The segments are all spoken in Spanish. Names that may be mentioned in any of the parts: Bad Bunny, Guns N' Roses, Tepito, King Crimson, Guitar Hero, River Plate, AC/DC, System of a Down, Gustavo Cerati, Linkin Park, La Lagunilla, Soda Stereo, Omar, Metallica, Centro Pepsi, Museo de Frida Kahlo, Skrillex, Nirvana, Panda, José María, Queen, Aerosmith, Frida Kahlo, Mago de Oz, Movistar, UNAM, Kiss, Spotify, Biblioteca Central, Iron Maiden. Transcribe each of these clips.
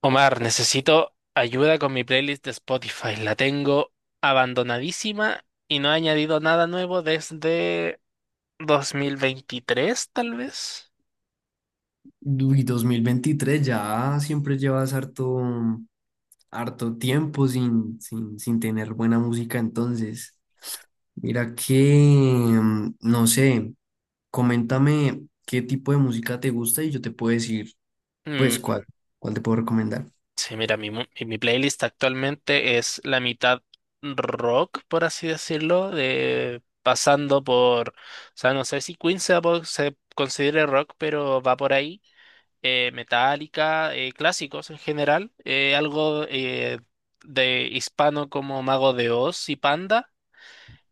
Omar, necesito ayuda con mi playlist de Spotify. La tengo abandonadísima y no he añadido nada nuevo desde 2023, tal vez. Uy, 2023 ya siempre llevas harto, harto tiempo sin tener buena música, entonces. Mira que, no sé, coméntame qué tipo de música te gusta y yo te puedo decir, pues, Mm, cuál te puedo recomendar. sí, mira, mi playlist actualmente es la mitad rock, por así decirlo, pasando por, o sea, no sé si Queen se considere rock, pero va por ahí. Metálica, clásicos en general, algo de hispano como Mago de Oz y Panda,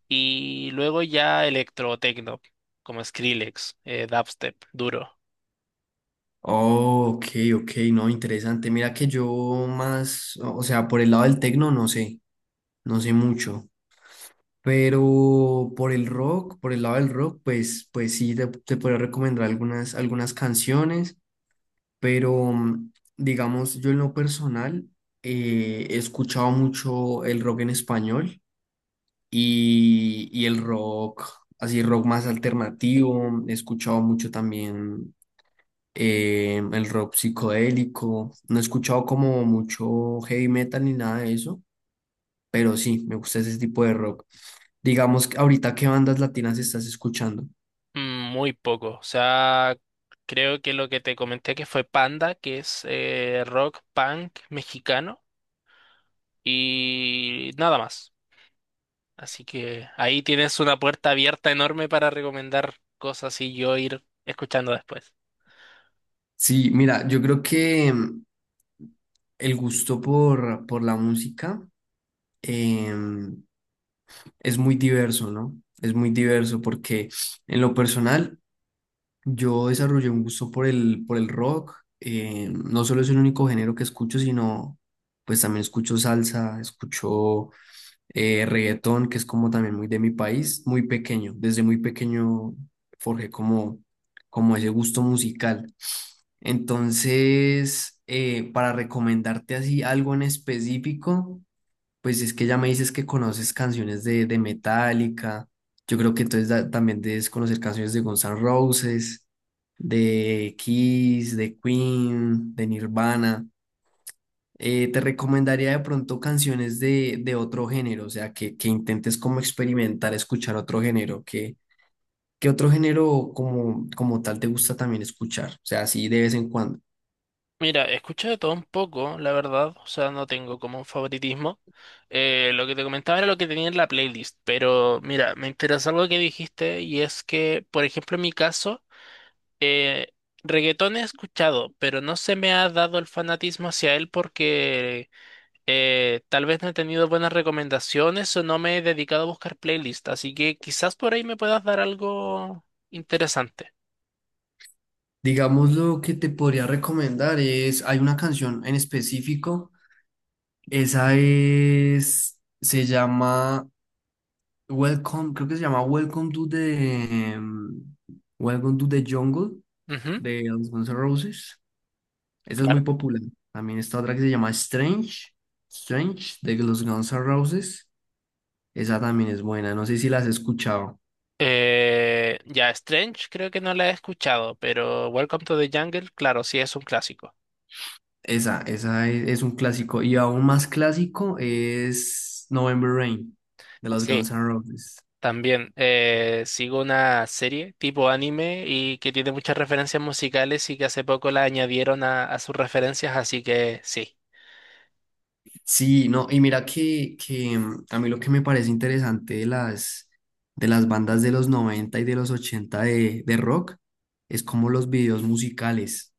y luego ya electrotecno, como Skrillex, dubstep, duro. Oh, ok, ok, no, interesante. Mira que yo más, o sea, por el lado del tecno, no sé, no sé mucho. Pero por el rock, por el lado del rock, pues, pues sí, te podría recomendar algunas, algunas canciones, pero digamos, yo en lo personal he escuchado mucho el rock en español y el rock, así rock más alternativo, he escuchado mucho también el rock psicodélico, no he escuchado como mucho heavy metal ni nada de eso pero sí, me gusta ese tipo de rock. Digamos, que ahorita, ¿qué bandas latinas estás escuchando? Muy poco, o sea, creo que lo que te comenté que fue Panda, que es rock punk mexicano, y nada más. Así que ahí tienes una puerta abierta enorme para recomendar cosas y yo ir escuchando después. Sí, mira, yo creo que el gusto por la música em, es muy diverso, ¿no? Es muy diverso porque en lo personal yo desarrollé un gusto por por el rock. No solo es el único género que escucho, sino pues también escucho salsa, escucho reggaetón, que es como también muy de mi país, muy pequeño. Desde muy pequeño forjé como, como ese gusto musical. Entonces, para recomendarte así algo en específico, pues es que ya me dices que conoces canciones de Metallica. Yo creo que entonces también debes conocer canciones de Guns N' Roses, de Kiss, de Queen, de Nirvana te recomendaría de pronto canciones de otro género, o sea, que intentes como experimentar, escuchar otro género, que otro género como, como tal te gusta también escuchar, o sea, así de vez en cuando. Mira, escucho de todo un poco, la verdad, o sea, no tengo como un favoritismo. Lo que te comentaba era lo que tenía en la playlist, pero mira, me interesa algo que dijiste y es que, por ejemplo, en mi caso, eh, reggaetón he escuchado, pero no se me ha dado el fanatismo hacia él porque tal vez no he tenido buenas recomendaciones o no me he dedicado a buscar playlists, así que quizás por ahí me puedas dar algo interesante. Digamos, lo que te podría recomendar es, hay una canción en específico, esa es, se llama Welcome, creo que se llama Welcome to the Welcome to the Jungle Ujú, de los Guns N' Roses. Esa es muy claro. popular. También está otra que se llama Strange, Strange de los Guns N' Roses. Esa también es buena, no sé si la has escuchado. Ya, Strange creo que no la he escuchado, pero Welcome to the Jungle, claro, sí es un clásico. Esa es un clásico. Y aún más clásico es November Rain de los Guns Sí, N' Roses. también sigo una serie tipo anime y que tiene muchas referencias musicales y que hace poco la añadieron a sus referencias, así que sí. Sí, no, y mira que a mí lo que me parece interesante de las bandas de los 90 y de los 80 de rock es como los videos musicales.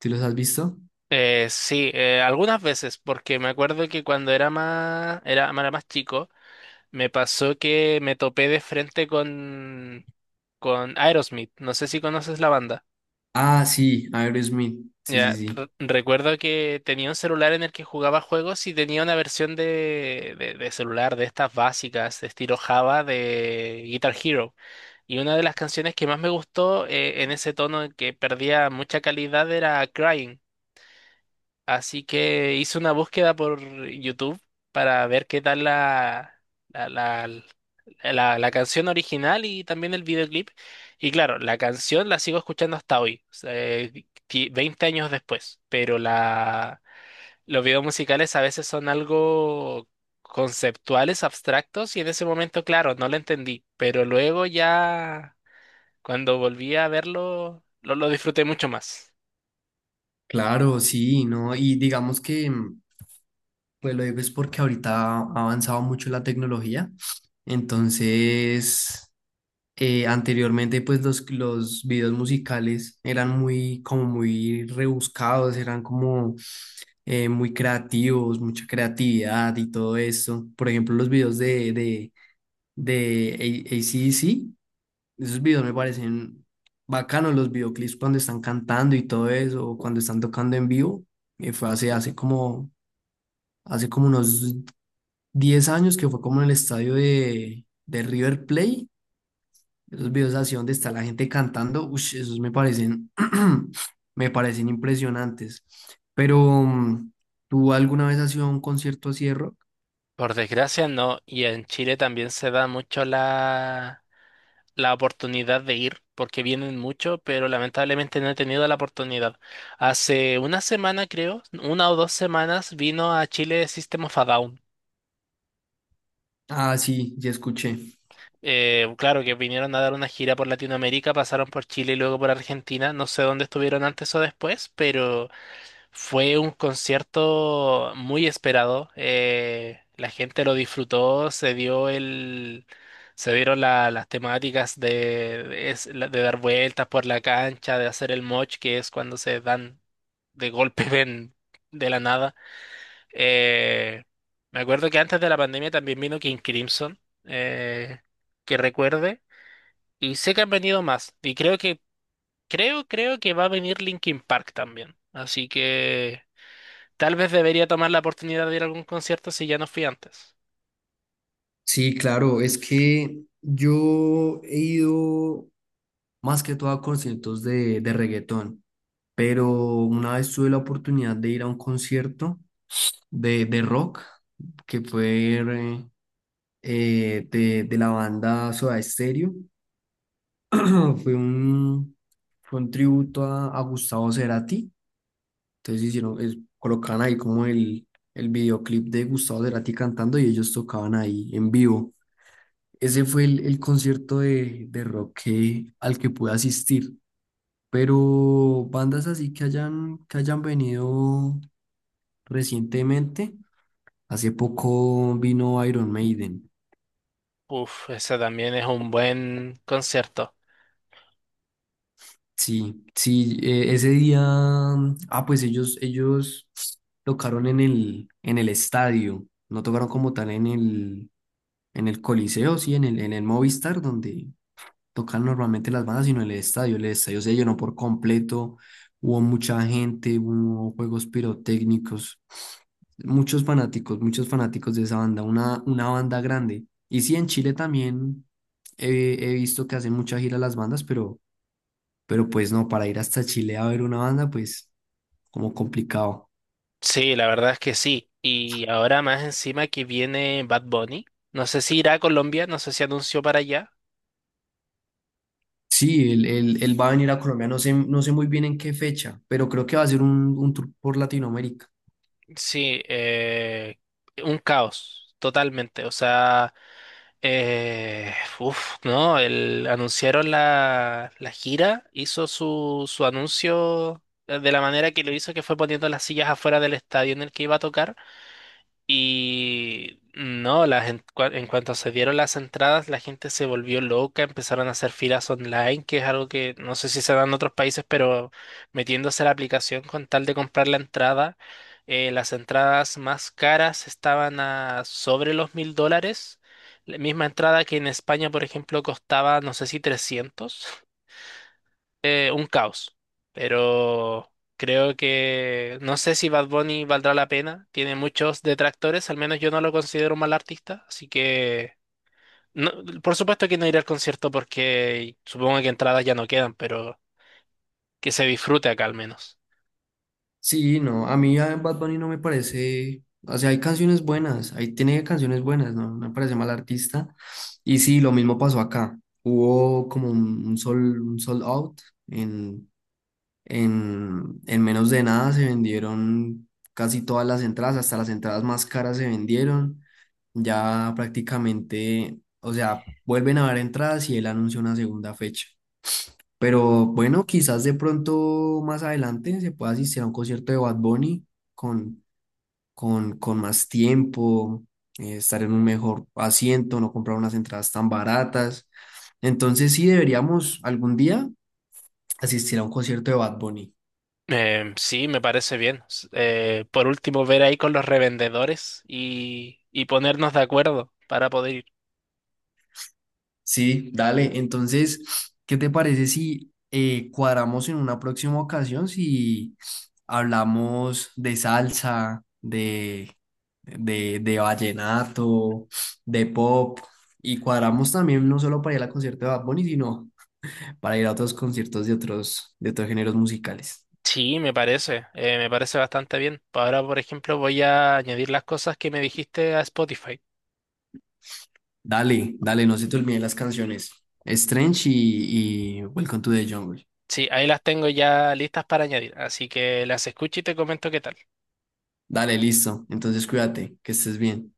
¿Sí los has visto? Sí, algunas veces, porque me acuerdo que cuando era más chico, me pasó que me topé de frente con Aerosmith. No sé si conoces la banda. Ah, sí, Aerosmith. Sí, sí, Ya, sí. recuerdo que tenía un celular en el que jugaba juegos y tenía una versión de celular de estas básicas, de estilo Java, de Guitar Hero. Y una de las canciones que más me gustó, en ese tono en que perdía mucha calidad era Crying. Así que hice una búsqueda por YouTube para ver qué tal la, la, la canción original y también el videoclip. Y claro, la canción la sigo escuchando hasta hoy, o sea, 20 años después, pero los videos musicales a veces son algo conceptuales, abstractos, y en ese momento, claro, no lo entendí, pero luego ya cuando volví a verlo, lo disfruté mucho más. Claro, sí, ¿no? Y digamos que, pues lo digo es porque ahorita ha avanzado mucho la tecnología. Entonces, anteriormente, pues los videos musicales eran muy, como muy rebuscados, eran como muy creativos, mucha creatividad y todo eso. Por ejemplo, los videos de A- ac C esos videos me parecen bacanos, los videoclips cuando están cantando y todo eso, o cuando están tocando en vivo. Fue hace, hace como unos 10 años que fue como en el estadio de River Plate. Esos videos así donde está la gente cantando, ush, esos me parecen, me parecen impresionantes. Pero, ¿tú alguna vez has ido a un concierto así de rock? Por desgracia no, y en Chile también se da mucho la oportunidad de ir, porque vienen mucho, pero lamentablemente no he tenido la oportunidad. Hace una semana creo, una o dos semanas, vino a Chile System of a Down. Ah, sí, ya escuché. Claro que vinieron a dar una gira por Latinoamérica, pasaron por Chile y luego por Argentina, no sé dónde estuvieron antes o después, pero. Fue un concierto muy esperado. La gente lo disfrutó, se dieron las temáticas de dar vueltas por la cancha, de hacer el moch, que es cuando se dan de golpe ven de la nada. Eh, Me acuerdo que antes de la pandemia también vino King Crimson, eh, que recuerde, y sé que han venido más. Y creo que va a venir Linkin Park también. Así que. Tal vez debería tomar la oportunidad de ir a algún concierto si ya no fui antes. Sí, claro, es que yo he ido más que todo a conciertos de reggaetón, pero una vez tuve la oportunidad de ir a un concierto de rock, que fue de la banda Soda Stereo, fue un, fue un tributo a Gustavo Cerati, entonces hicieron, colocaban ahí como el videoclip de Gustavo Cerati cantando y ellos tocaban ahí en vivo. Ese fue el concierto de rock al que pude asistir. Pero bandas así que hayan venido recientemente, hace poco vino Iron Maiden. Uf, ese también es un buen concierto. Sí, sí, ese día, ah, pues ellos tocaron en el estadio, no tocaron como tal en el Coliseo, sí, en el Movistar, donde, tocan normalmente las bandas, sino el estadio. El estadio se llenó por completo, hubo mucha gente, hubo juegos pirotécnicos, muchos fanáticos de esa banda, una banda grande. Y sí, en Chile también he, he visto que hacen mucha gira las bandas, pero pues no, para ir hasta Chile a ver una banda, pues como complicado. Sí, la verdad es que sí. Y ahora más encima que viene Bad Bunny. No sé si irá a Colombia, no sé si anunció para allá. Sí, él, él va a venir a Colombia, no sé, no sé muy bien en qué fecha, pero creo que va a ser un tour por Latinoamérica. Sí, un caos, totalmente. O sea, eh, uf, no, anunciaron la gira, hizo su anuncio de la manera que lo hizo, que fue poniendo las sillas afuera del estadio en el que iba a tocar. Y no, en cuanto se dieron las entradas, la gente se volvió loca, empezaron a hacer filas online, que es algo que no sé si se da en otros países, pero metiéndose a la aplicación con tal de comprar la entrada. Las entradas más caras estaban a sobre los $1000. La misma entrada que en España, por ejemplo, costaba, no sé si 300. Un caos. Pero creo que no sé si Bad Bunny valdrá la pena. Tiene muchos detractores, al menos yo no lo considero un mal artista. Así que, no- por supuesto que no iré al concierto porque supongo que entradas ya no quedan, pero que se disfrute acá al menos. Sí, no, a mí a Bad Bunny no me parece, o sea, hay canciones buenas, ahí tiene canciones buenas, ¿no? No me parece mal artista. Y sí, lo mismo pasó acá. Hubo como un sol, un sold out. En, en menos de nada se vendieron casi todas las entradas, hasta las entradas más caras se vendieron. Ya prácticamente, o sea, vuelven a haber entradas y él anunció una segunda fecha. Pero bueno, quizás de pronto más adelante se pueda asistir a un concierto de Bad Bunny con, con más tiempo, estar en un mejor asiento, no comprar unas entradas tan baratas. Entonces sí deberíamos algún día asistir a un concierto de Bad Bunny. Sí, me parece bien. Por último, ver ahí con los revendedores y ponernos de acuerdo para poder ir. Sí, dale. Entonces, ¿qué te parece si cuadramos en una próxima ocasión si hablamos de salsa, de vallenato, de pop? Y cuadramos también no solo para ir al concierto de Bad Bunny, sino para ir a otros conciertos de otros géneros musicales. Sí, me parece bastante bien. Ahora, por ejemplo, voy a añadir las cosas que me dijiste a Spotify. Dale, dale, no se te olviden las canciones. Strange y Welcome to the Jungle. Sí, ahí las tengo ya listas para añadir, así que las escucho y te comento qué tal. Dale, listo. Entonces, cuídate, que estés bien.